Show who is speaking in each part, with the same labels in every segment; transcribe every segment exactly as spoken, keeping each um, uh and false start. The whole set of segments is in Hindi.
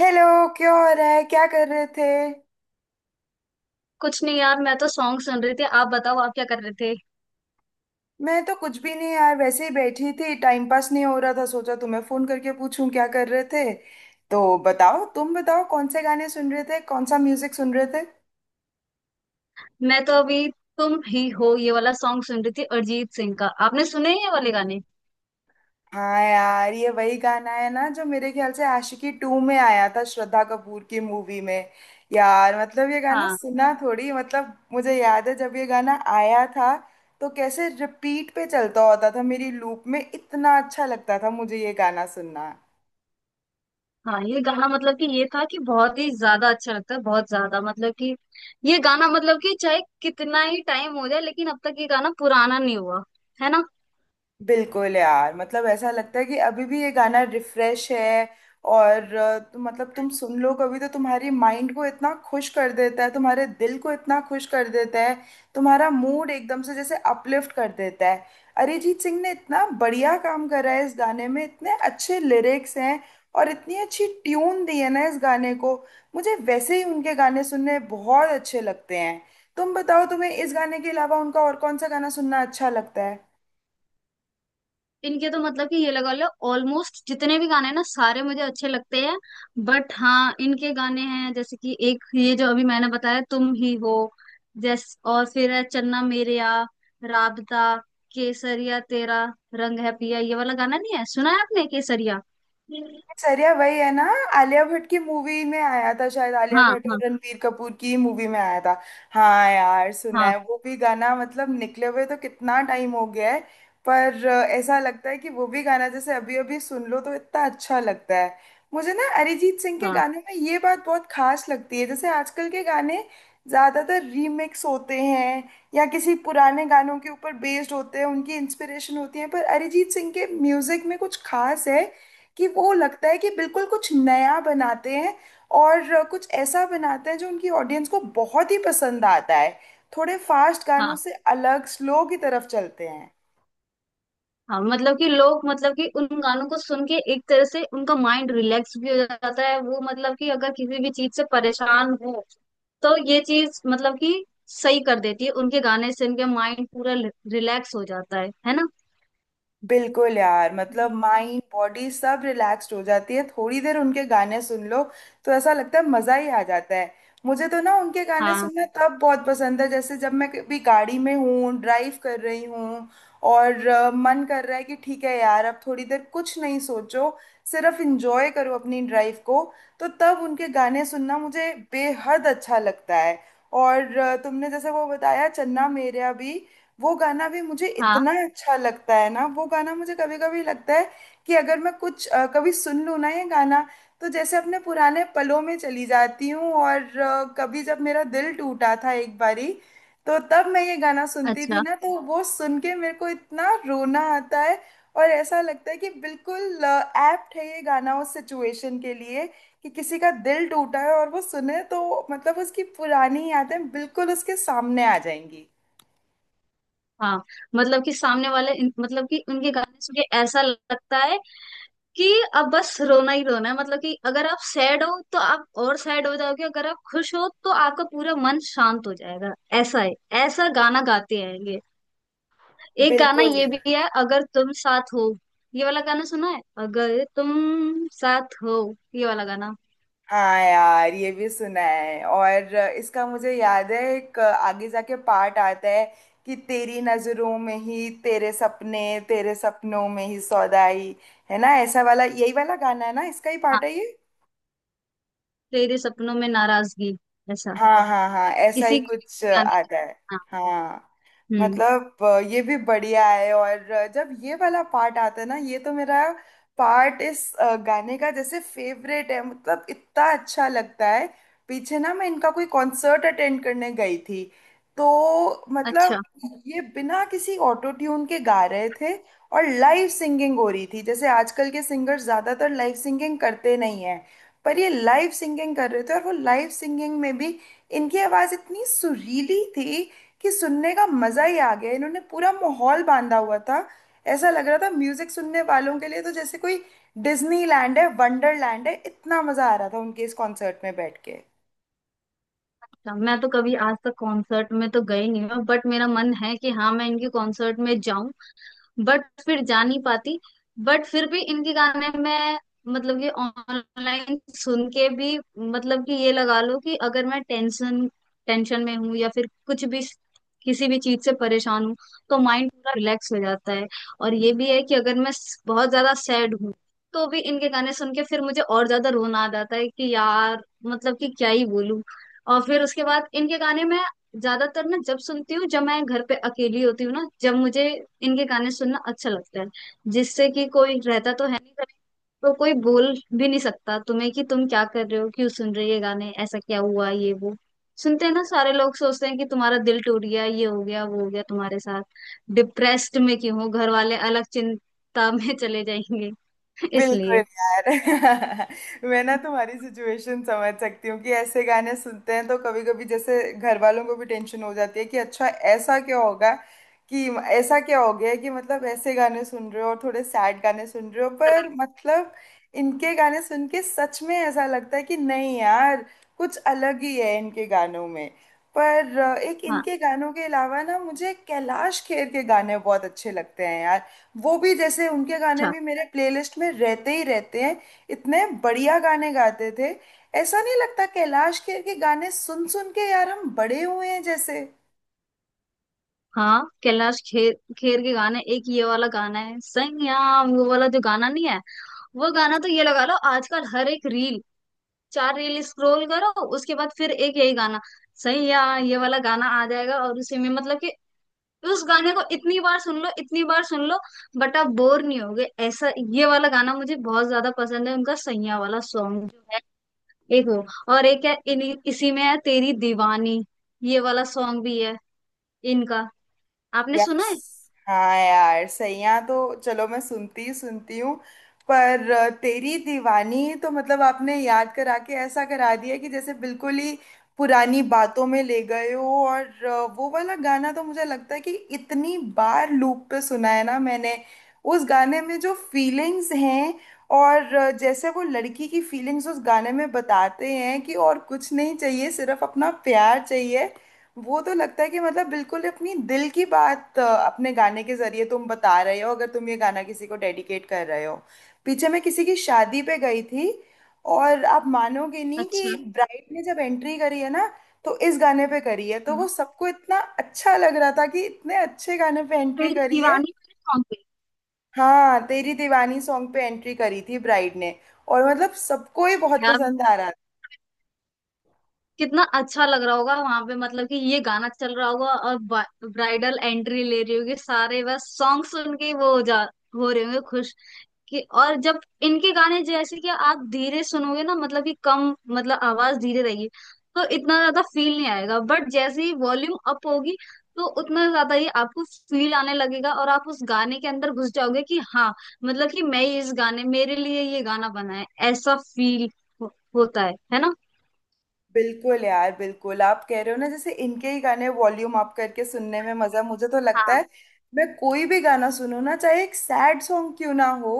Speaker 1: हेलो। क्या हो रहा है, क्या कर रहे थे?
Speaker 2: कुछ नहीं यार। मैं तो सॉन्ग सुन रही थी। आप बताओ, आप क्या कर रहे थे।
Speaker 1: मैं तो कुछ भी नहीं यार, वैसे ही बैठी थी, टाइम पास नहीं हो रहा था, सोचा तुम्हें फोन करके पूछूं क्या कर रहे थे। तो बताओ, तुम बताओ कौन से गाने सुन रहे थे, कौन सा म्यूजिक सुन रहे थे?
Speaker 2: मैं तो अभी तुम ही हो ये वाला सॉन्ग सुन रही थी, अरिजीत सिंह का। आपने सुने हैं ये वाले गाने?
Speaker 1: हाँ यार, ये वही गाना है ना जो मेरे ख्याल से आशिकी टू में आया था, श्रद्धा कपूर की मूवी में। यार मतलब ये गाना
Speaker 2: हाँ
Speaker 1: सुना थोड़ी, मतलब मुझे याद है जब ये गाना आया था तो कैसे रिपीट पे चलता होता था, मेरी लूप में। इतना अच्छा लगता था मुझे ये गाना सुनना।
Speaker 2: हाँ ये गाना मतलब कि ये था कि बहुत ही ज्यादा अच्छा लगता है, बहुत ज्यादा। मतलब कि ये गाना मतलब कि चाहे कितना ही टाइम हो जाए, लेकिन अब तक ये गाना पुराना नहीं हुआ, है ना।
Speaker 1: बिल्कुल यार, मतलब ऐसा लगता है कि अभी भी ये गाना रिफ्रेश है। और अ, तो मतलब तुम सुन लो कभी तो तुम्हारी माइंड को इतना खुश कर देता है, तुम्हारे दिल को इतना खुश कर देता है, तुम्हारा मूड एकदम से जैसे अपलिफ्ट कर देता है। अरिजीत सिंह ने इतना बढ़िया काम करा है इस गाने में, इतने अच्छे लिरिक्स हैं और इतनी अच्छी ट्यून दी है ना इस गाने को। मुझे वैसे ही उनके गाने सुनने बहुत अच्छे लगते हैं। तुम बताओ तुम्हें इस गाने के अलावा उनका और कौन सा गाना सुनना अच्छा लगता है?
Speaker 2: इनके तो मतलब कि ये लगा लो ऑलमोस्ट जितने भी गाने हैं ना, सारे मुझे अच्छे लगते हैं। बट हाँ, इनके गाने हैं जैसे कि एक ये जो अभी मैंने बताया, तुम ही हो। जैस और फिर है चन्ना मेरेया, राबता, केसरिया तेरा रंग है पिया। ये वाला गाना नहीं है, सुना है आपने? केसरिया।
Speaker 1: दिनचर्या वही है ना, आलिया भट्ट की मूवी में आया था, शायद आलिया
Speaker 2: हाँ
Speaker 1: भट्ट
Speaker 2: हाँ
Speaker 1: और रणबीर कपूर की मूवी में आया था। हाँ यार, सुना
Speaker 2: हाँ
Speaker 1: है वो भी गाना। मतलब निकले हुए तो कितना टाइम हो गया है, पर अ, ऐसा लगता है कि वो भी गाना जैसे अभी अभी सुन लो तो इतना अच्छा लगता है। मुझे ना अरिजीत सिंह के
Speaker 2: हाँ
Speaker 1: गाने में ये बात बहुत खास लगती है, जैसे आजकल के गाने ज्यादातर रीमिक्स होते हैं या किसी पुराने गानों के ऊपर बेस्ड होते हैं, उनकी इंस्पिरेशन होती है, पर अरिजीत सिंह के म्यूजिक में कुछ खास है कि वो लगता है कि बिल्कुल कुछ नया बनाते हैं और कुछ ऐसा बनाते हैं जो उनकी ऑडियंस को बहुत ही पसंद आता है। थोड़े फास्ट गानों
Speaker 2: हाँ
Speaker 1: से अलग स्लो की तरफ चलते हैं।
Speaker 2: हाँ मतलब कि लोग मतलब कि उन गानों को सुन के एक तरह से उनका माइंड रिलैक्स भी हो जाता है। वो मतलब कि अगर किसी भी चीज से परेशान हो, तो ये चीज मतलब कि सही कर देती है। उनके गाने से उनके माइंड पूरा रिलैक्स हो जाता है है ना।
Speaker 1: बिल्कुल यार, मतलब माइंड बॉडी सब रिलैक्स्ड हो जाती है थोड़ी देर उनके गाने सुन लो तो, ऐसा लगता है मजा ही आ जाता है। मुझे तो ना उनके गाने
Speaker 2: हाँ
Speaker 1: सुनना तब बहुत पसंद है जैसे जब मैं कभी गाड़ी में हूँ, ड्राइव कर रही हूँ और अ, मन कर रहा है कि ठीक है यार अब थोड़ी देर कुछ नहीं सोचो, सिर्फ इंजॉय करो अपनी ड्राइव को, तो तब उनके गाने सुनना मुझे बेहद अच्छा लगता है। और अ, तुमने जैसे वो बताया चन्ना मेरेया भी, वो गाना भी मुझे
Speaker 2: हाँ
Speaker 1: इतना अच्छा लगता है ना। वो गाना मुझे कभी कभी लगता है कि अगर मैं कुछ अ, कभी सुन लूँ ना ये गाना, तो जैसे अपने पुराने पलों में चली जाती हूँ। और अ, कभी जब मेरा दिल टूटा था एक बारी, तो तब मैं ये गाना सुनती थी
Speaker 2: अच्छा।
Speaker 1: ना, तो वो सुन के मेरे को इतना रोना आता है। और ऐसा लगता है कि बिल्कुल एप्ट है ये गाना उस सिचुएशन के लिए, कि किसी का दिल टूटा है और वो सुने तो मतलब उसकी पुरानी यादें बिल्कुल उसके सामने आ जाएंगी।
Speaker 2: हाँ, मतलब कि सामने वाले इन- मतलब कि उनके गाने सुन के ऐसा लगता है कि अब बस रोना ही रोना है। मतलब कि अगर आप सैड हो तो आप और सैड हो जाओगे, अगर आप खुश हो तो आपका पूरा मन शांत हो जाएगा। ऐसा है। ऐसा गाना गाते हैं ये। एक गाना
Speaker 1: बिल्कुल।
Speaker 2: ये भी है, अगर तुम साथ हो। ये वाला गाना सुना है, अगर तुम साथ हो? ये वाला गाना।
Speaker 1: हाँ यार ये भी सुना है, और अ, इसका मुझे याद है एक अ, आगे जाके पार्ट आता है कि तेरी नजरों में ही तेरे सपने, तेरे सपनों में ही सौदाई। है ना ऐसा वाला? यही वाला गाना है ना, इसका ही
Speaker 2: हाँ,
Speaker 1: पार्ट है ये।
Speaker 2: तेरे सपनों में नाराजगी, ऐसा।
Speaker 1: हाँ हाँ हाँ, ऐसा ही
Speaker 2: इसी
Speaker 1: कुछ अ,
Speaker 2: गाने का।
Speaker 1: आता है।
Speaker 2: हाँ।
Speaker 1: हाँ।
Speaker 2: हम्म।
Speaker 1: मतलब अ, ये भी बढ़िया है। और अ, जब ये वाला पार्ट आता है ना ये तो मेरा पार्ट, इस अ, गाने का जैसे फेवरेट है, मतलब इतना अच्छा लगता है। पीछे ना मैं इनका कोई कॉन्सर्ट अटेंड करने गई थी, तो मतलब,
Speaker 2: अच्छा।
Speaker 1: ये बिना किसी ऑटो ट्यून के गा रहे थे और लाइव सिंगिंग हो रही थी। जैसे आजकल के सिंगर ज्यादातर लाइव सिंगिंग करते नहीं हैं, पर ये लाइव सिंगिंग कर रहे थे। और वो लाइव सिंगिंग में भी इनकी आवाज इतनी सुरीली थी कि सुनने का मजा ही आ गया। इन्होंने पूरा माहौल बांधा हुआ था, ऐसा लग रहा था म्यूजिक सुनने वालों के लिए तो जैसे कोई डिज्नीलैंड है, वंडरलैंड है। इतना मजा आ रहा था उनके इस कॉन्सर्ट में बैठ के।
Speaker 2: अच्छा, मैं तो कभी आज तक कॉन्सर्ट में तो गई नहीं हूँ। बट मेरा मन है कि हाँ मैं इनके कॉन्सर्ट में जाऊं, बट फिर जा नहीं पाती। बट फिर भी इनके गाने में मतलब कि ऑनलाइन सुन के भी मतलब कि ये लगा लो कि अगर मैं टेंशन टेंशन में हूँ या फिर कुछ भी किसी भी चीज से परेशान हूँ, तो माइंड पूरा रिलैक्स हो जाता है। और ये भी है कि अगर मैं स- बहुत ज्यादा सैड हूँ तो भी इनके गाने सुन के फिर मुझे और ज्यादा रोना आ जाता है कि यार मतलब कि क्या ही बोलूं। और फिर उसके बाद इनके गाने में ज्यादातर ना जब सुनती हूँ, जब मैं घर पे अकेली होती हूँ ना, जब मुझे इनके गाने सुनना अच्छा लगता है। जिससे कि कोई रहता तो है नहीं घर में, तो कोई बोल भी नहीं सकता तुम्हें कि तुम क्या कर रहे हो, क्यों सुन रही है गाने, ऐसा क्या हुआ, ये वो सुनते हैं ना। सारे लोग सोचते हैं कि तुम्हारा दिल टूट गया, ये हो गया वो हो गया तुम्हारे साथ, डिप्रेस्ड में क्यों हो। घर वाले अलग चिंता में चले जाएंगे।
Speaker 1: बिल्कुल
Speaker 2: इसलिए।
Speaker 1: यार। मैं ना तुम्हारी सिचुएशन समझ सकती हूँ कि ऐसे गाने सुनते हैं तो कभी कभी जैसे घर वालों को भी टेंशन हो जाती है कि अच्छा ऐसा क्या होगा कि, ऐसा क्या हो गया कि मतलब ऐसे गाने सुन रहे हो, और थोड़े सैड गाने सुन रहे हो। पर मतलब इनके गाने सुन के सच में ऐसा लगता है कि नहीं यार, कुछ अलग ही है इनके गानों में। पर अ, एक
Speaker 2: हाँ।
Speaker 1: इनके गानों के अलावा ना मुझे कैलाश खेर के गाने बहुत अच्छे लगते हैं यार। वो भी जैसे, उनके गाने भी मेरे प्लेलिस्ट में रहते ही रहते हैं। इतने बढ़िया गाने गाते थे, ऐसा नहीं लगता कैलाश खेर के गाने सुन सुन के यार हम बड़े हुए हैं जैसे?
Speaker 2: हाँ, कैलाश खेर खेर के गाने, एक ये वाला गाना है संयाम, वो वाला जो गाना नहीं है। वो गाना तो ये लगा लो आजकल हर एक रील, चार रील स्क्रॉल करो उसके बाद फिर एक यही गाना, सैया, ये वाला गाना आ जाएगा। और उसी में मतलब कि उस गाने को इतनी बार सुन लो, इतनी बार सुन लो बट आप बोर नहीं होगे, ऐसा ये वाला गाना मुझे बहुत ज्यादा पसंद है, उनका सैया वाला सॉन्ग जो है। एक वो, और एक है इन्हीं इसी में है, तेरी दीवानी। ये वाला सॉन्ग भी है इनका, आपने सुना
Speaker 1: यस।
Speaker 2: है?
Speaker 1: हाँ यार सैया तो चलो, मैं सुनती ही सुनती हूँ। पर अ, तेरी दीवानी तो मतलब आपने याद करा के ऐसा करा दिया कि जैसे बिल्कुल ही पुरानी बातों में ले गए हो। और अ, वो वाला गाना तो मुझे लगता है कि इतनी बार लूप पे सुना है ना मैंने। उस गाने में जो फीलिंग्स हैं, और अ, जैसे वो लड़की की फीलिंग्स उस गाने में बताते हैं कि और कुछ नहीं चाहिए, सिर्फ अपना प्यार चाहिए, वो तो लगता है कि मतलब बिल्कुल अपनी दिल की बात, अ, अपने गाने के जरिए तुम बता रहे हो अगर तुम ये गाना किसी को डेडिकेट कर रहे हो। पीछे मैं किसी की शादी पे गई थी, और आप मानोगे नहीं कि
Speaker 2: अच्छा।
Speaker 1: ब्राइड ने जब एंट्री करी है ना, तो इस गाने पे करी है। तो वो
Speaker 2: हाँ।
Speaker 1: सबको इतना अच्छा लग रहा था कि इतने अच्छे गाने पे एंट्री
Speaker 2: तेरी
Speaker 1: करी है।
Speaker 2: दीवानी वाले सॉन्ग पे?
Speaker 1: हाँ, तेरी दीवानी सॉन्ग पे एंट्री करी थी ब्राइड ने, और मतलब सबको ही बहुत
Speaker 2: यार
Speaker 1: पसंद आ रहा।
Speaker 2: कितना अच्छा लग रहा होगा वहां पे। मतलब कि ये गाना चल रहा होगा और ब्राइडल एंट्री ले रही होगी, सारे बस सॉन्ग सुन के वो हो जा हो रहे होंगे खुश कि। और जब इनके गाने जैसे कि आप धीरे सुनोगे ना, मतलब कि कम मतलब आवाज धीरे रहेगी, तो इतना ज्यादा फील नहीं आएगा। बट जैसे ही वॉल्यूम अप होगी, तो उतना ज्यादा ही आपको फील आने लगेगा और आप उस गाने के अंदर घुस जाओगे कि हाँ मतलब कि मैं ही इस गाने, मेरे लिए ये गाना बना है, ऐसा फील हो, होता है है ना।
Speaker 1: बिल्कुल यार, बिल्कुल आप कह रहे हो ना, जैसे इनके ही गाने वॉल्यूम अप करके सुनने में मजा, मुझे तो लगता
Speaker 2: हाँ
Speaker 1: है मैं कोई भी गाना सुनूं ना, चाहे एक सैड सॉन्ग क्यों ना हो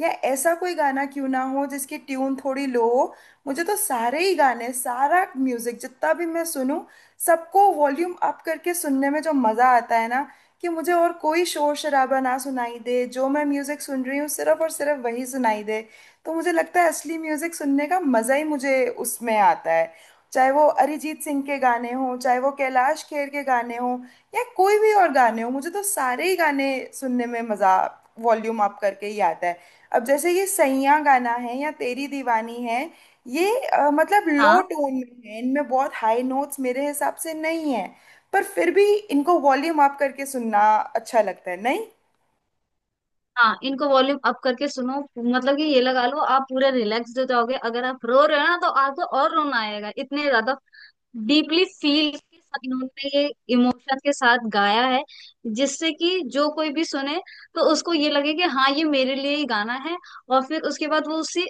Speaker 1: या ऐसा कोई गाना क्यों ना हो जिसकी ट्यून थोड़ी लो हो, मुझे तो सारे ही गाने, सारा म्यूजिक जितना भी मैं सुनूं, सबको वॉल्यूम अप करके सुनने में जो मजा आता है ना, कि मुझे और कोई शोर शराबा ना सुनाई दे, जो मैं म्यूजिक सुन रही हूँ सिर्फ और सिर्फ वही सुनाई दे, तो मुझे लगता है असली म्यूजिक सुनने का मजा ही मुझे उसमें आता है। चाहे वो अरिजीत सिंह के गाने हों, चाहे वो कैलाश खेर के गाने हों, या कोई भी और गाने हों, मुझे तो सारे ही गाने सुनने में मज़ा वॉल्यूम अप करके ही आता है। अब जैसे ये सैयां गाना है या तेरी दीवानी है, ये अ, मतलब लो
Speaker 2: हाँ
Speaker 1: टोन में है, इनमें बहुत हाई नोट्स मेरे हिसाब से नहीं है, पर फिर भी इनको वॉल्यूम अप करके सुनना अच्छा लगता है, नहीं?
Speaker 2: हाँ, इनको वॉल्यूम अप करके सुनो मतलब कि ये लगा लो आप पूरे रिलैक्स हो जाओगे। अगर आप रो रहे हो ना तो आपको और रोना आएगा। इतने ज्यादा डीपली फील के साथ इन्होंने ये इमोशन के साथ गाया है, जिससे कि जो कोई भी सुने तो उसको ये लगे कि हाँ ये मेरे लिए ही गाना है। और फिर उसके बाद वो उसी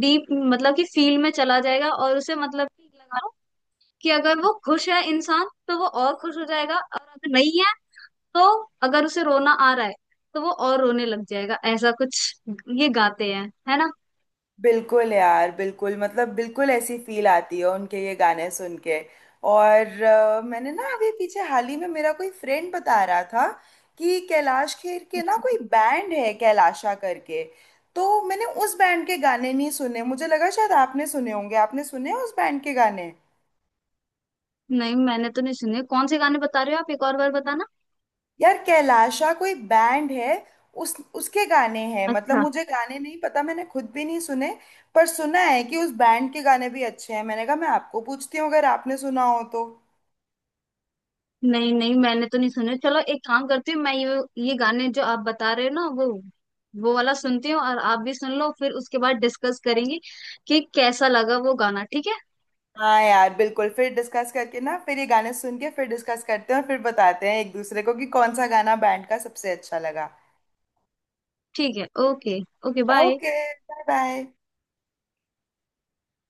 Speaker 2: डीप मतलब कि फील में चला जाएगा और उसे मतलब कि लगा लो कि अगर वो खुश है इंसान तो वो और खुश हो जाएगा, और अगर नहीं है तो, अगर उसे रोना आ रहा है तो वो और रोने लग जाएगा। ऐसा कुछ ये गाते हैं, है ना।
Speaker 1: बिल्कुल यार, बिल्कुल मतलब बिल्कुल ऐसी फील आती है उनके ये गाने सुन के। और अ, मैंने ना अभी पीछे हाल ही में मेरा कोई फ्रेंड बता रहा था कि कैलाश खेर के ना
Speaker 2: अच्छा।
Speaker 1: कोई बैंड है कैलाशा करके। तो मैंने उस बैंड के गाने नहीं सुने, मुझे लगा शायद आपने सुने होंगे। आपने सुने हैं उस बैंड के गाने?
Speaker 2: नहीं मैंने तो नहीं सुने, कौन से गाने बता रहे हो आप, एक और बार बताना।
Speaker 1: यार कैलाशा कोई बैंड है, उस उसके गाने हैं, मतलब
Speaker 2: अच्छा।
Speaker 1: मुझे गाने नहीं पता, मैंने खुद भी नहीं सुने, पर सुना है कि उस बैंड के गाने भी अच्छे हैं। मैंने कहा मैं आपको पूछती हूँ अगर आपने सुना हो तो।
Speaker 2: नहीं नहीं मैंने तो नहीं सुने। चलो एक काम करती हूँ, मैं ये ये गाने जो आप बता रहे हो ना, वो वो वाला सुनती हूँ, और आप भी सुन लो। फिर उसके बाद डिस्कस करेंगे कि कैसा लगा वो गाना, ठीक है।
Speaker 1: हाँ यार बिल्कुल, फिर डिस्कस करके ना, फिर ये गाने सुन के फिर डिस्कस करते हैं, और फिर बताते हैं एक दूसरे को कि कौन सा गाना बैंड का सबसे अच्छा लगा।
Speaker 2: ठीक है। Okay. Okay, bye.
Speaker 1: Okay. Bye bye.